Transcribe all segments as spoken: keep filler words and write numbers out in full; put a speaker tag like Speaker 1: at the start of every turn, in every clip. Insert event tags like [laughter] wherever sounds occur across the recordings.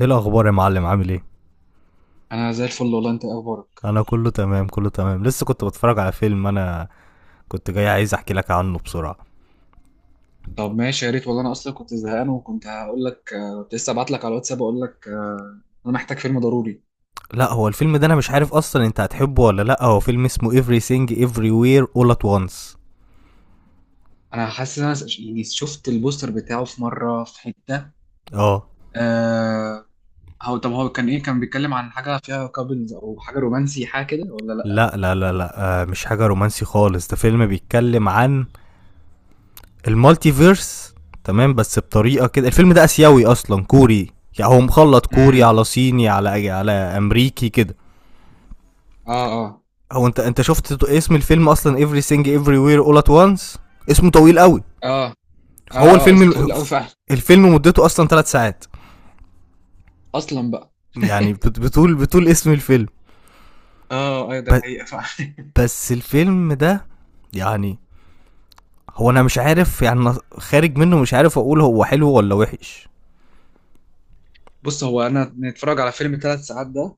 Speaker 1: ايه الاخبار يا معلم؟ عامل ايه؟
Speaker 2: انا زي الفل والله. انت إيه اخبارك؟
Speaker 1: انا كله تمام كله تمام. لسه كنت بتفرج على فيلم انا، كنت جاي عايز احكي لك عنه بسرعه.
Speaker 2: طب ماشي يا ريت والله، انا اصلا كنت زهقان وكنت هقول لك آه، كنت لسه ابعت لك على الواتساب اقول لك آه، انا محتاج فيلم ضروري.
Speaker 1: لا هو الفيلم ده انا مش عارف اصلا انت هتحبه ولا لا. هو فيلم اسمه everything everywhere all at once.
Speaker 2: انا حاسس ان انا ش- يعني شفت البوستر بتاعه في مره في حته.
Speaker 1: اه
Speaker 2: أه. هو طب هو كان ايه، كان بيتكلم عن حاجه فيها كابلز او حاجه رومانسي، حاجه كده ولا لا؟
Speaker 1: لا لا لا لا، آه، مش حاجه رومانسي خالص، ده فيلم بيتكلم عن المالتيفيرس. تمام بس بطريقه كده. الفيلم ده اسيوي اصلا كوري. يعني هو مخلط كوري
Speaker 2: امم.
Speaker 1: على صيني على على امريكي كده.
Speaker 2: اه. اه.
Speaker 1: هو انت انت شفت اسم الفيلم اصلا؟ everything everywhere all at once اسمه طويل قوي.
Speaker 2: اه. اه.
Speaker 1: فهو
Speaker 2: اه. اسمه
Speaker 1: الفيلم،
Speaker 2: طويل قوي فعلا.
Speaker 1: الفيلم مدته اصلا ثلاث ساعات.
Speaker 2: اصلا بقى.
Speaker 1: يعني
Speaker 2: [laughs]
Speaker 1: بت- بتقول بتقول اسم الفيلم.
Speaker 2: اه ايوه، ده
Speaker 1: ب-
Speaker 2: حقيقه فعلا. [laughs]
Speaker 1: بس الفيلم ده يعني هو انا مش عارف. يعني أنا خارج منه مش عارف اقول هو حلو ولا وحش.
Speaker 2: بص، هو انا نتفرج على فيلم تلت ساعات ده،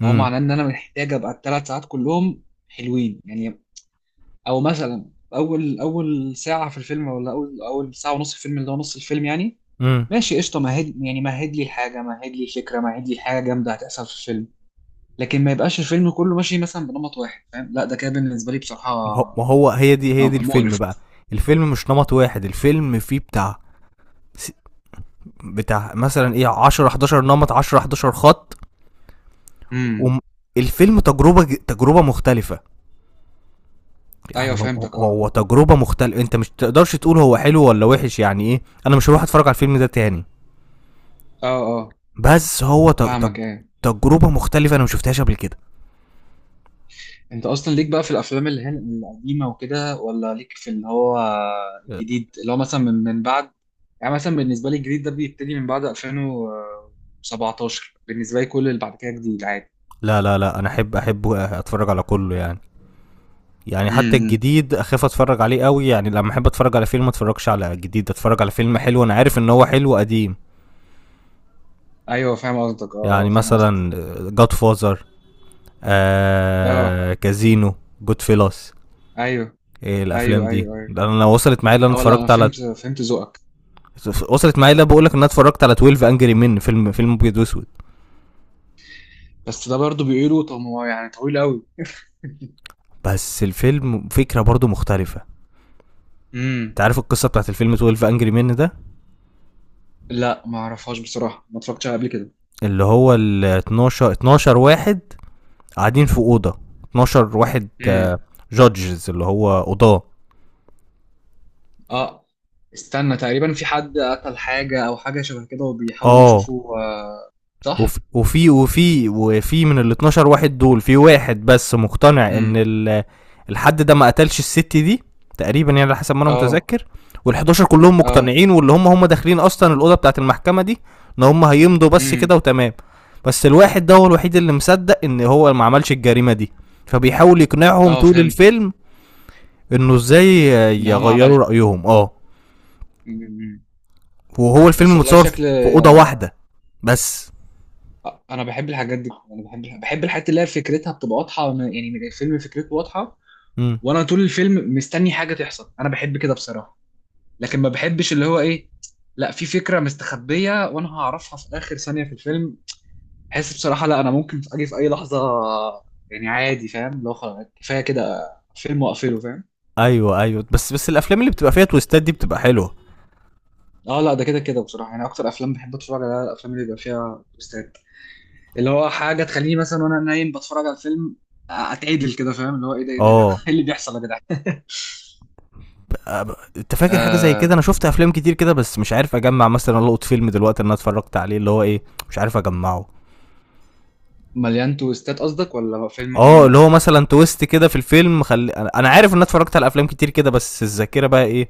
Speaker 2: فهو
Speaker 1: امم
Speaker 2: معناه ان انا محتاج ابقى الثلاث ساعات كلهم حلوين يعني. او مثلا اول اول ساعه في الفيلم، ولا اول اول ساعه ونص في الفيلم اللي هو نص الفيلم يعني.
Speaker 1: امم
Speaker 2: ماشي قشطه، مهد يعني، مهد لي الحاجه، مهد لي الفكره، مهد لي الحاجه جامده هتحصل في الفيلم. لكن ما يبقاش الفيلم كله ماشي مثلا بنمط واحد، فاهم؟ لا، ده كده بالنسبه لي بصراحه
Speaker 1: ما هو- ما هو هي دي هي دي الفيلم
Speaker 2: مقرف.
Speaker 1: بقى. الفيلم مش نمط واحد. الفيلم فيه بتاع بتاع مثلا ايه عشرة حداشر نمط، عشرة حداشر خط.
Speaker 2: امم.
Speaker 1: والفيلم تجربه، ج- تجربه مختلفه.
Speaker 2: ايوه
Speaker 1: يعني هو-
Speaker 2: فهمتك. اه.
Speaker 1: هو تجربه مختلفه. انت مش تقدرش تقول هو حلو ولا وحش. يعني ايه، انا مش هروح اتفرج على الفيلم ده تاني.
Speaker 2: اه. اه.
Speaker 1: بس هو ت- تج-
Speaker 2: فاهمك ايه.
Speaker 1: تجربه مختلفه انا ما شفتهاش قبل كده.
Speaker 2: انت اصلا ليك بقى في الافلام اللي هي القديمه وكده، ولا ليك في اللي هو الجديد اللي هو مثلا من من بعد. يعني مثلا بالنسبه لي الجديد ده بيبتدي من بعد ألفين وسبعتاشر. بالنسبه لي كل اللي بعد كده جديد عادي.
Speaker 1: لا لا لا انا احب احب اتفرج على كله يعني. يعني حتى
Speaker 2: امم.
Speaker 1: الجديد اخاف اتفرج عليه قوي. يعني لما احب اتفرج على فيلم، ما اتفرجش على جديد، اتفرج على فيلم حلو انا عارف ان هو حلو قديم.
Speaker 2: ايوه فاهم قصدك. اه.
Speaker 1: يعني
Speaker 2: آه، فاهم قصدك.
Speaker 1: مثلا جاد فازر،
Speaker 2: اه
Speaker 1: آه كازينو، جود فيلاس.
Speaker 2: ايوه
Speaker 1: إيه الافلام
Speaker 2: ايوه
Speaker 1: دي.
Speaker 2: ايوه ايوه.
Speaker 1: لأن انا وصلت معايا اللي انا
Speaker 2: اه لا، انا
Speaker 1: اتفرجت على،
Speaker 2: فهمت فهمت ذوقك.
Speaker 1: وصلت معايا اللي بقول لك ان انا اتفرجت على اثنا عشر انجري من. فيلم فيلم ابيض واسود
Speaker 2: بس ده برضو بيقولوا طب هو يعني طويل قوي.
Speaker 1: بس الفيلم فكره برضو مختلفه.
Speaker 2: [laughs] امم.
Speaker 1: انت عارف القصه بتاعت الفيلم اتناشر انجري من ده.
Speaker 2: لا ما اعرفهاش بصراحه، ما اتفرجتش عليها قبل كده.
Speaker 1: اللي هو ال اتناشر، اتناشر واحد قاعدين في اوضه، اتناشر واحد
Speaker 2: امم.
Speaker 1: جادجز اللي هو قضاه.
Speaker 2: اه. استنى، تقريبا في حد قتل حاجة او حاجة شبه كده، وبيحاولوا
Speaker 1: اه
Speaker 2: يشوفوا، آه.
Speaker 1: وف-
Speaker 2: صح؟
Speaker 1: وفي وفي وفي من ال اثنا عشر واحد دول، في واحد بس مقتنع ان
Speaker 2: امم.
Speaker 1: ال- الحد ده ما قتلش الست دي، تقريبا يعني على حسب ما انا
Speaker 2: اه.
Speaker 1: متذكر. وال حداشر كلهم
Speaker 2: اه.
Speaker 1: مقتنعين. واللي هم هم داخلين اصلا الاوضه بتاعت المحكمه دي، ان هم هيمضوا بس كده
Speaker 2: امم.
Speaker 1: وتمام. بس الواحد ده هو الوحيد اللي مصدق ان هو ما عملش الجريمه دي، فبيحاول يقنعهم
Speaker 2: اه.
Speaker 1: طول
Speaker 2: فهمت
Speaker 1: الفيلم انه ازاي
Speaker 2: ان هم عملت.
Speaker 1: يغيروا رايهم. اه
Speaker 2: امم.
Speaker 1: وهو
Speaker 2: بس
Speaker 1: الفيلم
Speaker 2: والله
Speaker 1: متصور
Speaker 2: شكل
Speaker 1: في اوضه
Speaker 2: آه،
Speaker 1: واحده بس.
Speaker 2: انا بحب الحاجات دي، انا بحب بحب الحاجات اللي هي فكرتها بتبقى واضحة. أنا- يعني الفيلم فكرته واضحة،
Speaker 1: امم
Speaker 2: وانا طول الفيلم مستني حاجة تحصل، انا بحب كده بصراحة. لكن ما بحبش اللي هو ايه، لا في فكرة مستخبية وانا هعرفها في اخر ثانية في الفيلم. بحس بصراحة لا، أنا ممكن أجي في أي لحظة يعني، عادي فاهم؟ لو خلاص كفاية كده فيلم وأقفله، فاهم.
Speaker 1: ايوه ايوه، بس بس الافلام اللي بتبقى فيها تويستات دي بتبقى حلوه.
Speaker 2: اه لا، ده كده كده بصراحة، يعني أكتر أفلام بحب أتفرج عليها الأفلام اللي بيبقى فيها تويستات، اللي هو حاجة تخليني مثلا وأنا نايم بتفرج على الفيلم أتعدل كده، فاهم؟ اللي هو إيه ده إيه ده يا جدع، [laughs]
Speaker 1: اه
Speaker 2: إيه اللي بيحصل يا جدع. [laughs]
Speaker 1: ب- ب- انت فاكر حاجه زي كده؟
Speaker 2: آه.
Speaker 1: انا شفت افلام كتير كده بس مش عارف اجمع. مثلا القط فيلم دلوقتي انا اتفرجت عليه اللي هو ايه، مش عارف اجمعه.
Speaker 2: مليان تويستات قصدك ولا فيلم
Speaker 1: اه اللي
Speaker 2: عموما؟
Speaker 1: هو مثلا تويست كده في الفيلم. خلي انا أنا عارف ان انا اتفرجت على افلام كتير كده بس الذاكره بقى ايه،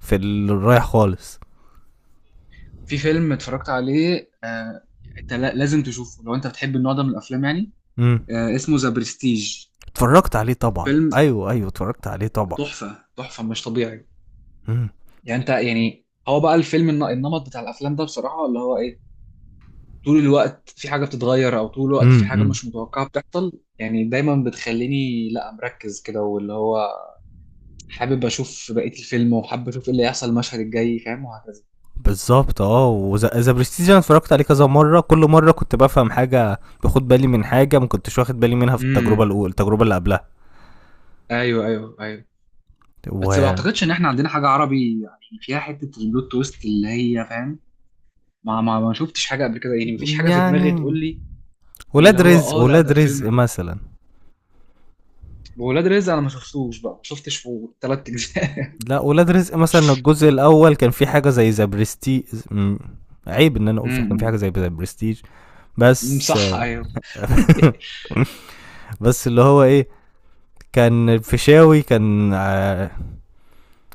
Speaker 1: في الرايح خالص.
Speaker 2: في فيلم اتفرجت عليه، آه. انت لا- لازم تشوفه لو انت بتحب النوع ده من الافلام يعني.
Speaker 1: امم
Speaker 2: آه، اسمه ذا برستيج.
Speaker 1: اتفرجت عليه طبعا.
Speaker 2: فيلم
Speaker 1: ايوه ايوه اتفرجت عليه طبعا.
Speaker 2: تحفه تحفه مش طبيعي.
Speaker 1: امم
Speaker 2: يعني انت يعني هو بقى الفيلم الن- النمط بتاع الافلام ده بصراحه اللي هو ايه، طول الوقت في حاجه بتتغير، او طول الوقت في حاجه
Speaker 1: امم
Speaker 2: مش متوقعه بتحصل يعني، دايما بتخليني لا مركز كده، واللي هو حابب اشوف بقيه الفيلم وحابب اشوف ايه اللي هيحصل المشهد الجاي فاهم وهكذا.
Speaker 1: بالظبط. اه وذا برستيج انا اتفرجت عليه كذا مره. كل مره كنت بفهم حاجه، باخد بالي من حاجه ما كنتش واخد بالي منها في التجربه
Speaker 2: امم.
Speaker 1: الاولى، التجربه اللي قبلها.
Speaker 2: ايوه ايوه ايوه. بس ما
Speaker 1: و
Speaker 2: اعتقدش ان احنا عندنا حاجه عربي يعني فيها حته البلوت تويست اللي هي فاهم، ما ما ما شفتش حاجه قبل كده يعني، مفيش حاجه في دماغي
Speaker 1: يعني
Speaker 2: تقول لي. اللي
Speaker 1: ولاد
Speaker 2: هو
Speaker 1: رزق
Speaker 2: اه لا،
Speaker 1: ولاد
Speaker 2: ده
Speaker 1: رزق
Speaker 2: الفيلم
Speaker 1: مثلا.
Speaker 2: ولاد رزق انا ما شفتوش بقى، ما شفتش في تلت اجزاء.
Speaker 1: لا ولاد رزق مثلا الجزء الاول كان في حاجه زي ذا برستيج. م- عيب ان انا اقول، في كان في حاجه
Speaker 2: امم.
Speaker 1: زي ذا برستيج
Speaker 2: أمم،
Speaker 1: بس.
Speaker 2: صح ايوه. [laughs]
Speaker 1: [laughs] بس اللي هو ايه، كان فيشاوي كان، آه،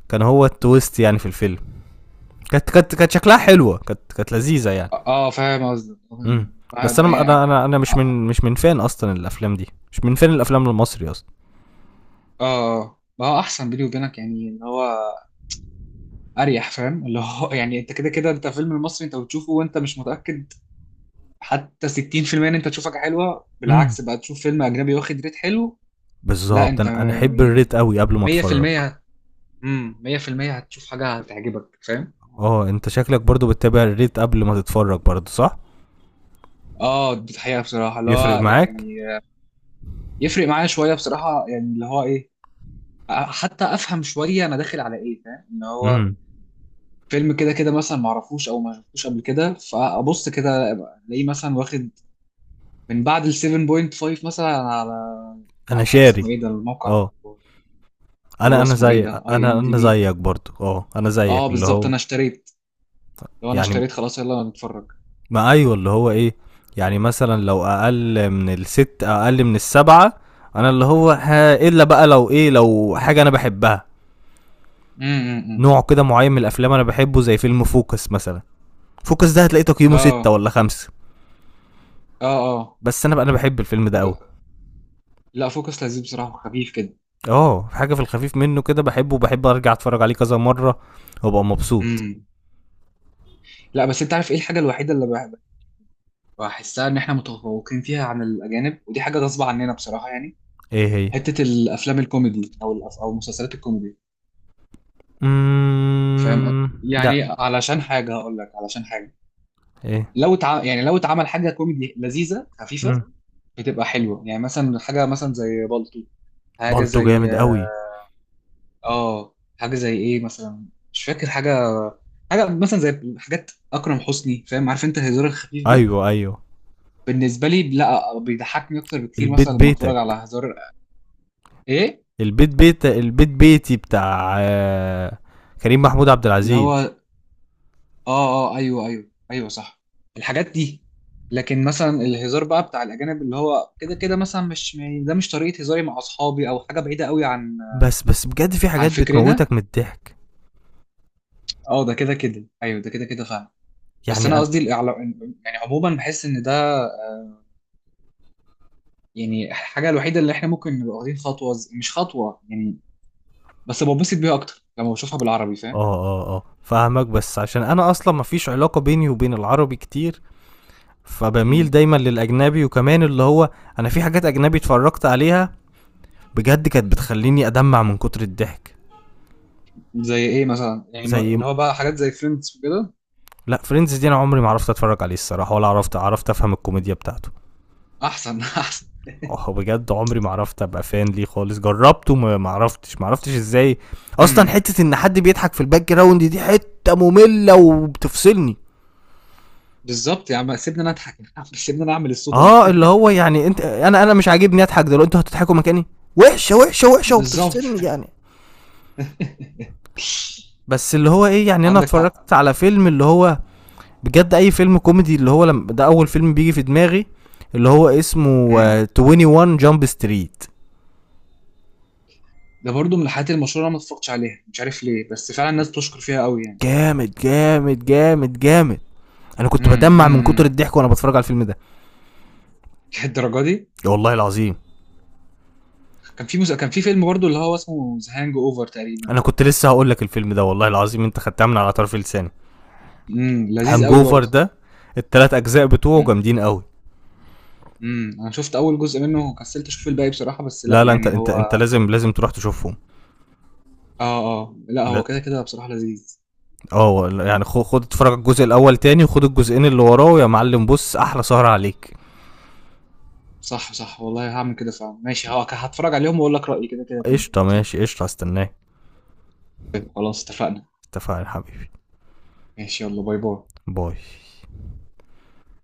Speaker 1: كان هو التويست يعني في الفيلم. كانت كانت كانت شكلها حلوه. كانت كانت لذيذه يعني.
Speaker 2: اه فاهم قصدك آه،
Speaker 1: امم
Speaker 2: فاهم.
Speaker 1: بس
Speaker 2: بقى-
Speaker 1: انا
Speaker 2: يعني.
Speaker 1: انا انا انا مش
Speaker 2: اه.
Speaker 1: من مش من فان اصلا الافلام دي، مش من فان الافلام المصري اصلا.
Speaker 2: آه. ما هو احسن بيني وبينك يعني، ان هو اريح فاهم اللي هو، [laughs] يعني انت كده كده، انت فيلم المصري انت بتشوفه وانت مش متاكد حتى ستين في المية ان انت تشوف حاجه حلوه،
Speaker 1: امم
Speaker 2: بالعكس بقى تشوف فيلم اجنبي واخد ريت حلو. لا
Speaker 1: بالظبط.
Speaker 2: انت
Speaker 1: انا انا احب الريت
Speaker 2: يعني
Speaker 1: قوي قبل ما اتفرج.
Speaker 2: مية في المية. امم مية في المية هتشوف حاجه هتعجبك، فاهم.
Speaker 1: اه انت شكلك برضو بتتابع الريت قبل ما تتفرج برضو صح؟
Speaker 2: اه دي الحقيقه بصراحه اللي
Speaker 1: يفرق
Speaker 2: هو
Speaker 1: معاك؟
Speaker 2: يعني، يفرق معايا شويه بصراحه يعني اللي هو ايه، حتى افهم شويه انا داخل على ايه، فاهم ان هو
Speaker 1: امم
Speaker 2: فيلم كده كده مثلا ما اعرفوش او ما شفتوش قبل كده، فابص كده الاقيه مثلا واخد من بعد ال سبعه ونص مثلا على
Speaker 1: انا
Speaker 2: على
Speaker 1: شاري.
Speaker 2: اسمه ايه ده الموقع،
Speaker 1: اه
Speaker 2: اللي
Speaker 1: انا
Speaker 2: هو
Speaker 1: انا
Speaker 2: اسمه ايه
Speaker 1: زي
Speaker 2: ده اي
Speaker 1: انا
Speaker 2: ام دي
Speaker 1: انا
Speaker 2: بي.
Speaker 1: زيك برضو. اه انا
Speaker 2: اه
Speaker 1: زيك اللي
Speaker 2: بالظبط،
Speaker 1: هو.
Speaker 2: انا اشتريت. لو انا
Speaker 1: يعني
Speaker 2: اشتريت خلاص يلا نتفرج.
Speaker 1: ما ايوه، اللي هو ايه. يعني مثلا لو اقل من الست، اقل من السبعة. انا اللي هو، ها الا بقى لو ايه، لو حاجة انا بحبها،
Speaker 2: امم.
Speaker 1: نوع كده معين من الافلام انا بحبه، زي فيلم فوكس مثلا. فوكس ده هتلاقي تقييمه ستة
Speaker 2: اه.
Speaker 1: ولا خمسة
Speaker 2: اه. اه.
Speaker 1: بس انا بقى انا بحب الفيلم ده
Speaker 2: فوك...
Speaker 1: قوي.
Speaker 2: لا فوكس لذيذ بصراحه وخفيف كده.
Speaker 1: اه حاجة في الخفيف منه كده بحبه، وبحب ارجع اتفرج عليه كذا مرة وابقى مبسوط.
Speaker 2: امم لا، بس انت عارف ايه الحاجه الوحيده اللي بحب- بحسها ان احنا متفوقين فيها عن الاجانب، ودي حاجه غصب عننا بصراحه يعني،
Speaker 1: ايه هي؟
Speaker 2: حته الافلام الكوميدي او الأف... او مسلسلات الكوميدي. فاهم قصدي؟
Speaker 1: امم لا
Speaker 2: يعني علشان حاجه هقول لك، علشان حاجه
Speaker 1: ايه؟
Speaker 2: لو تع... يعني لو اتعمل حاجه كوميدي لذيذه خفيفه
Speaker 1: امم
Speaker 2: بتبقى حلوه يعني، مثلا حاجه مثلا زي بالطو. حاجه
Speaker 1: بالطو
Speaker 2: زي
Speaker 1: جامد قوي.
Speaker 2: اه حاجه زي ايه مثلا، مش فاكر حاجه. حاجه مثلا زي حاجات اكرم حسني، فاهم عارف انت الهزار الخفيف ده.
Speaker 1: ايوه ايوه.
Speaker 2: بالنسبه لي لا بيضحكني اكتر بكتير
Speaker 1: البيت
Speaker 2: مثلا لما اتفرج على
Speaker 1: بيتك،
Speaker 2: هزار. ايه
Speaker 1: البيت بيت البيت بيتي بتاع آه، كريم محمود عبد
Speaker 2: اللي
Speaker 1: العزيز.
Speaker 2: هو اه اه ايوه ايوه ايوه صح، الحاجات دي. لكن مثلا الهزار بقى بتاع الاجانب اللي هو كده كده مثلا مش م- ده مش طريقه هزاري مع اصحابي، او حاجه بعيده قوي عن
Speaker 1: بس بس بجد في
Speaker 2: عن
Speaker 1: حاجات
Speaker 2: فكرنا.
Speaker 1: بتموتك من الضحك.
Speaker 2: اه ده كده كده ايوه، ده كده كده فعلا. بس
Speaker 1: يعني
Speaker 2: انا
Speaker 1: انا،
Speaker 2: قصدي الإعلا- يعني عموما بحس ان ده يعني الحاجه الوحيده اللي احنا ممكن نبقى واخدين خطوه ز- مش خطوه يعني، بس ببسط بيها اكتر لما بشوفها بالعربي، فاهم.
Speaker 1: اه اه اه فاهمك، بس عشان انا اصلا مفيش علاقة بيني وبين العربي كتير، فبميل
Speaker 2: امم.
Speaker 1: دايما للاجنبي. وكمان اللي هو انا في حاجات اجنبي اتفرجت عليها بجد كانت بتخليني ادمع من كتر الضحك.
Speaker 2: زي ايه مثلا يعني ما-
Speaker 1: زي،
Speaker 2: اللي هو بقى حاجات زي فريندز وكده.
Speaker 1: لا فريندز دي انا عمري ما عرفت اتفرج عليه الصراحة، ولا عرفت عرفت افهم الكوميديا بتاعته.
Speaker 2: احسن. [laughs] احسن.
Speaker 1: اه بجد عمري ما عرفت ابقى فان ليه خالص. جربته ما ما عرفتش ما عرفتش ازاي. اصلا
Speaker 2: امم
Speaker 1: حته ان حد بيضحك في الباك جراوند دي حته ممله وبتفصلني.
Speaker 2: بالظبط، يا عم سيبني انا اضحك. [laughs] يا عم سيبني انا اعمل الصوت انا.
Speaker 1: اه اللي هو يعني انت انا انا مش عاجبني اضحك دلوقتي. انتوا هتضحكوا مكاني؟ وحشه وحشه
Speaker 2: [laughs]
Speaker 1: وحشه
Speaker 2: بالظبط.
Speaker 1: وبتفصلني يعني.
Speaker 2: [laughs]
Speaker 1: بس اللي هو ايه، يعني انا
Speaker 2: عندك حق.
Speaker 1: اتفرجت على فيلم اللي هو بجد اي فيلم كوميدي، اللي هو لما ده اول فيلم بيجي في دماغي اللي هو اسمه،
Speaker 2: امم،
Speaker 1: آه، واحد وعشرين جامب ستريت.
Speaker 2: ده برضو من الحاجات المشهوره، انا ما اتفرجتش عليها مش عارف ليه، بس فعلا الناس بتشكر فيها قوي يعني.
Speaker 1: جامد جامد جامد جامد. انا كنت
Speaker 2: امم.
Speaker 1: بدمع من كتر
Speaker 2: امم.
Speaker 1: الضحك وانا بتفرج على الفيلم ده
Speaker 2: [laughs] الدرجه دي.
Speaker 1: يا والله العظيم.
Speaker 2: كان في مس... كان في فيلم برضو اللي هو اسمه ذا هانج اوفر تقريبا.
Speaker 1: انا كنت لسه هقول لك الفيلم ده والله العظيم انت خدتها من على طرف لساني.
Speaker 2: امم لذيذ قوي
Speaker 1: هانجوفر
Speaker 2: برضو.
Speaker 1: ده التلات اجزاء بتوعه
Speaker 2: امم.
Speaker 1: جامدين قوي.
Speaker 2: امم. انا شفت اول جزء منه وكسلت اشوف الباقي بصراحه، بس لا
Speaker 1: لا لا انت
Speaker 2: يعني
Speaker 1: انت انت
Speaker 2: هو.
Speaker 1: لازم لازم تروح تشوفهم.
Speaker 2: اه. اه لا،
Speaker 1: لا.
Speaker 2: هو كده كده بصراحه لذيذ.
Speaker 1: اه يعني خد خد اتفرج على الجزء الاول تاني وخد الجزئين اللي وراه يا معلم. بص، احلى سهرة عليك.
Speaker 2: صح صح والله هعمل كده فعلا، ماشي ه- هتفرج عليهم واقول لك رايي كده كده تاني.
Speaker 1: قشطه ماشي قشطه، هستناك.
Speaker 2: طيب، خلاص اتفقنا.
Speaker 1: اتفقنا يا حبيبي.
Speaker 2: ماشي يلا باي باي.
Speaker 1: باي.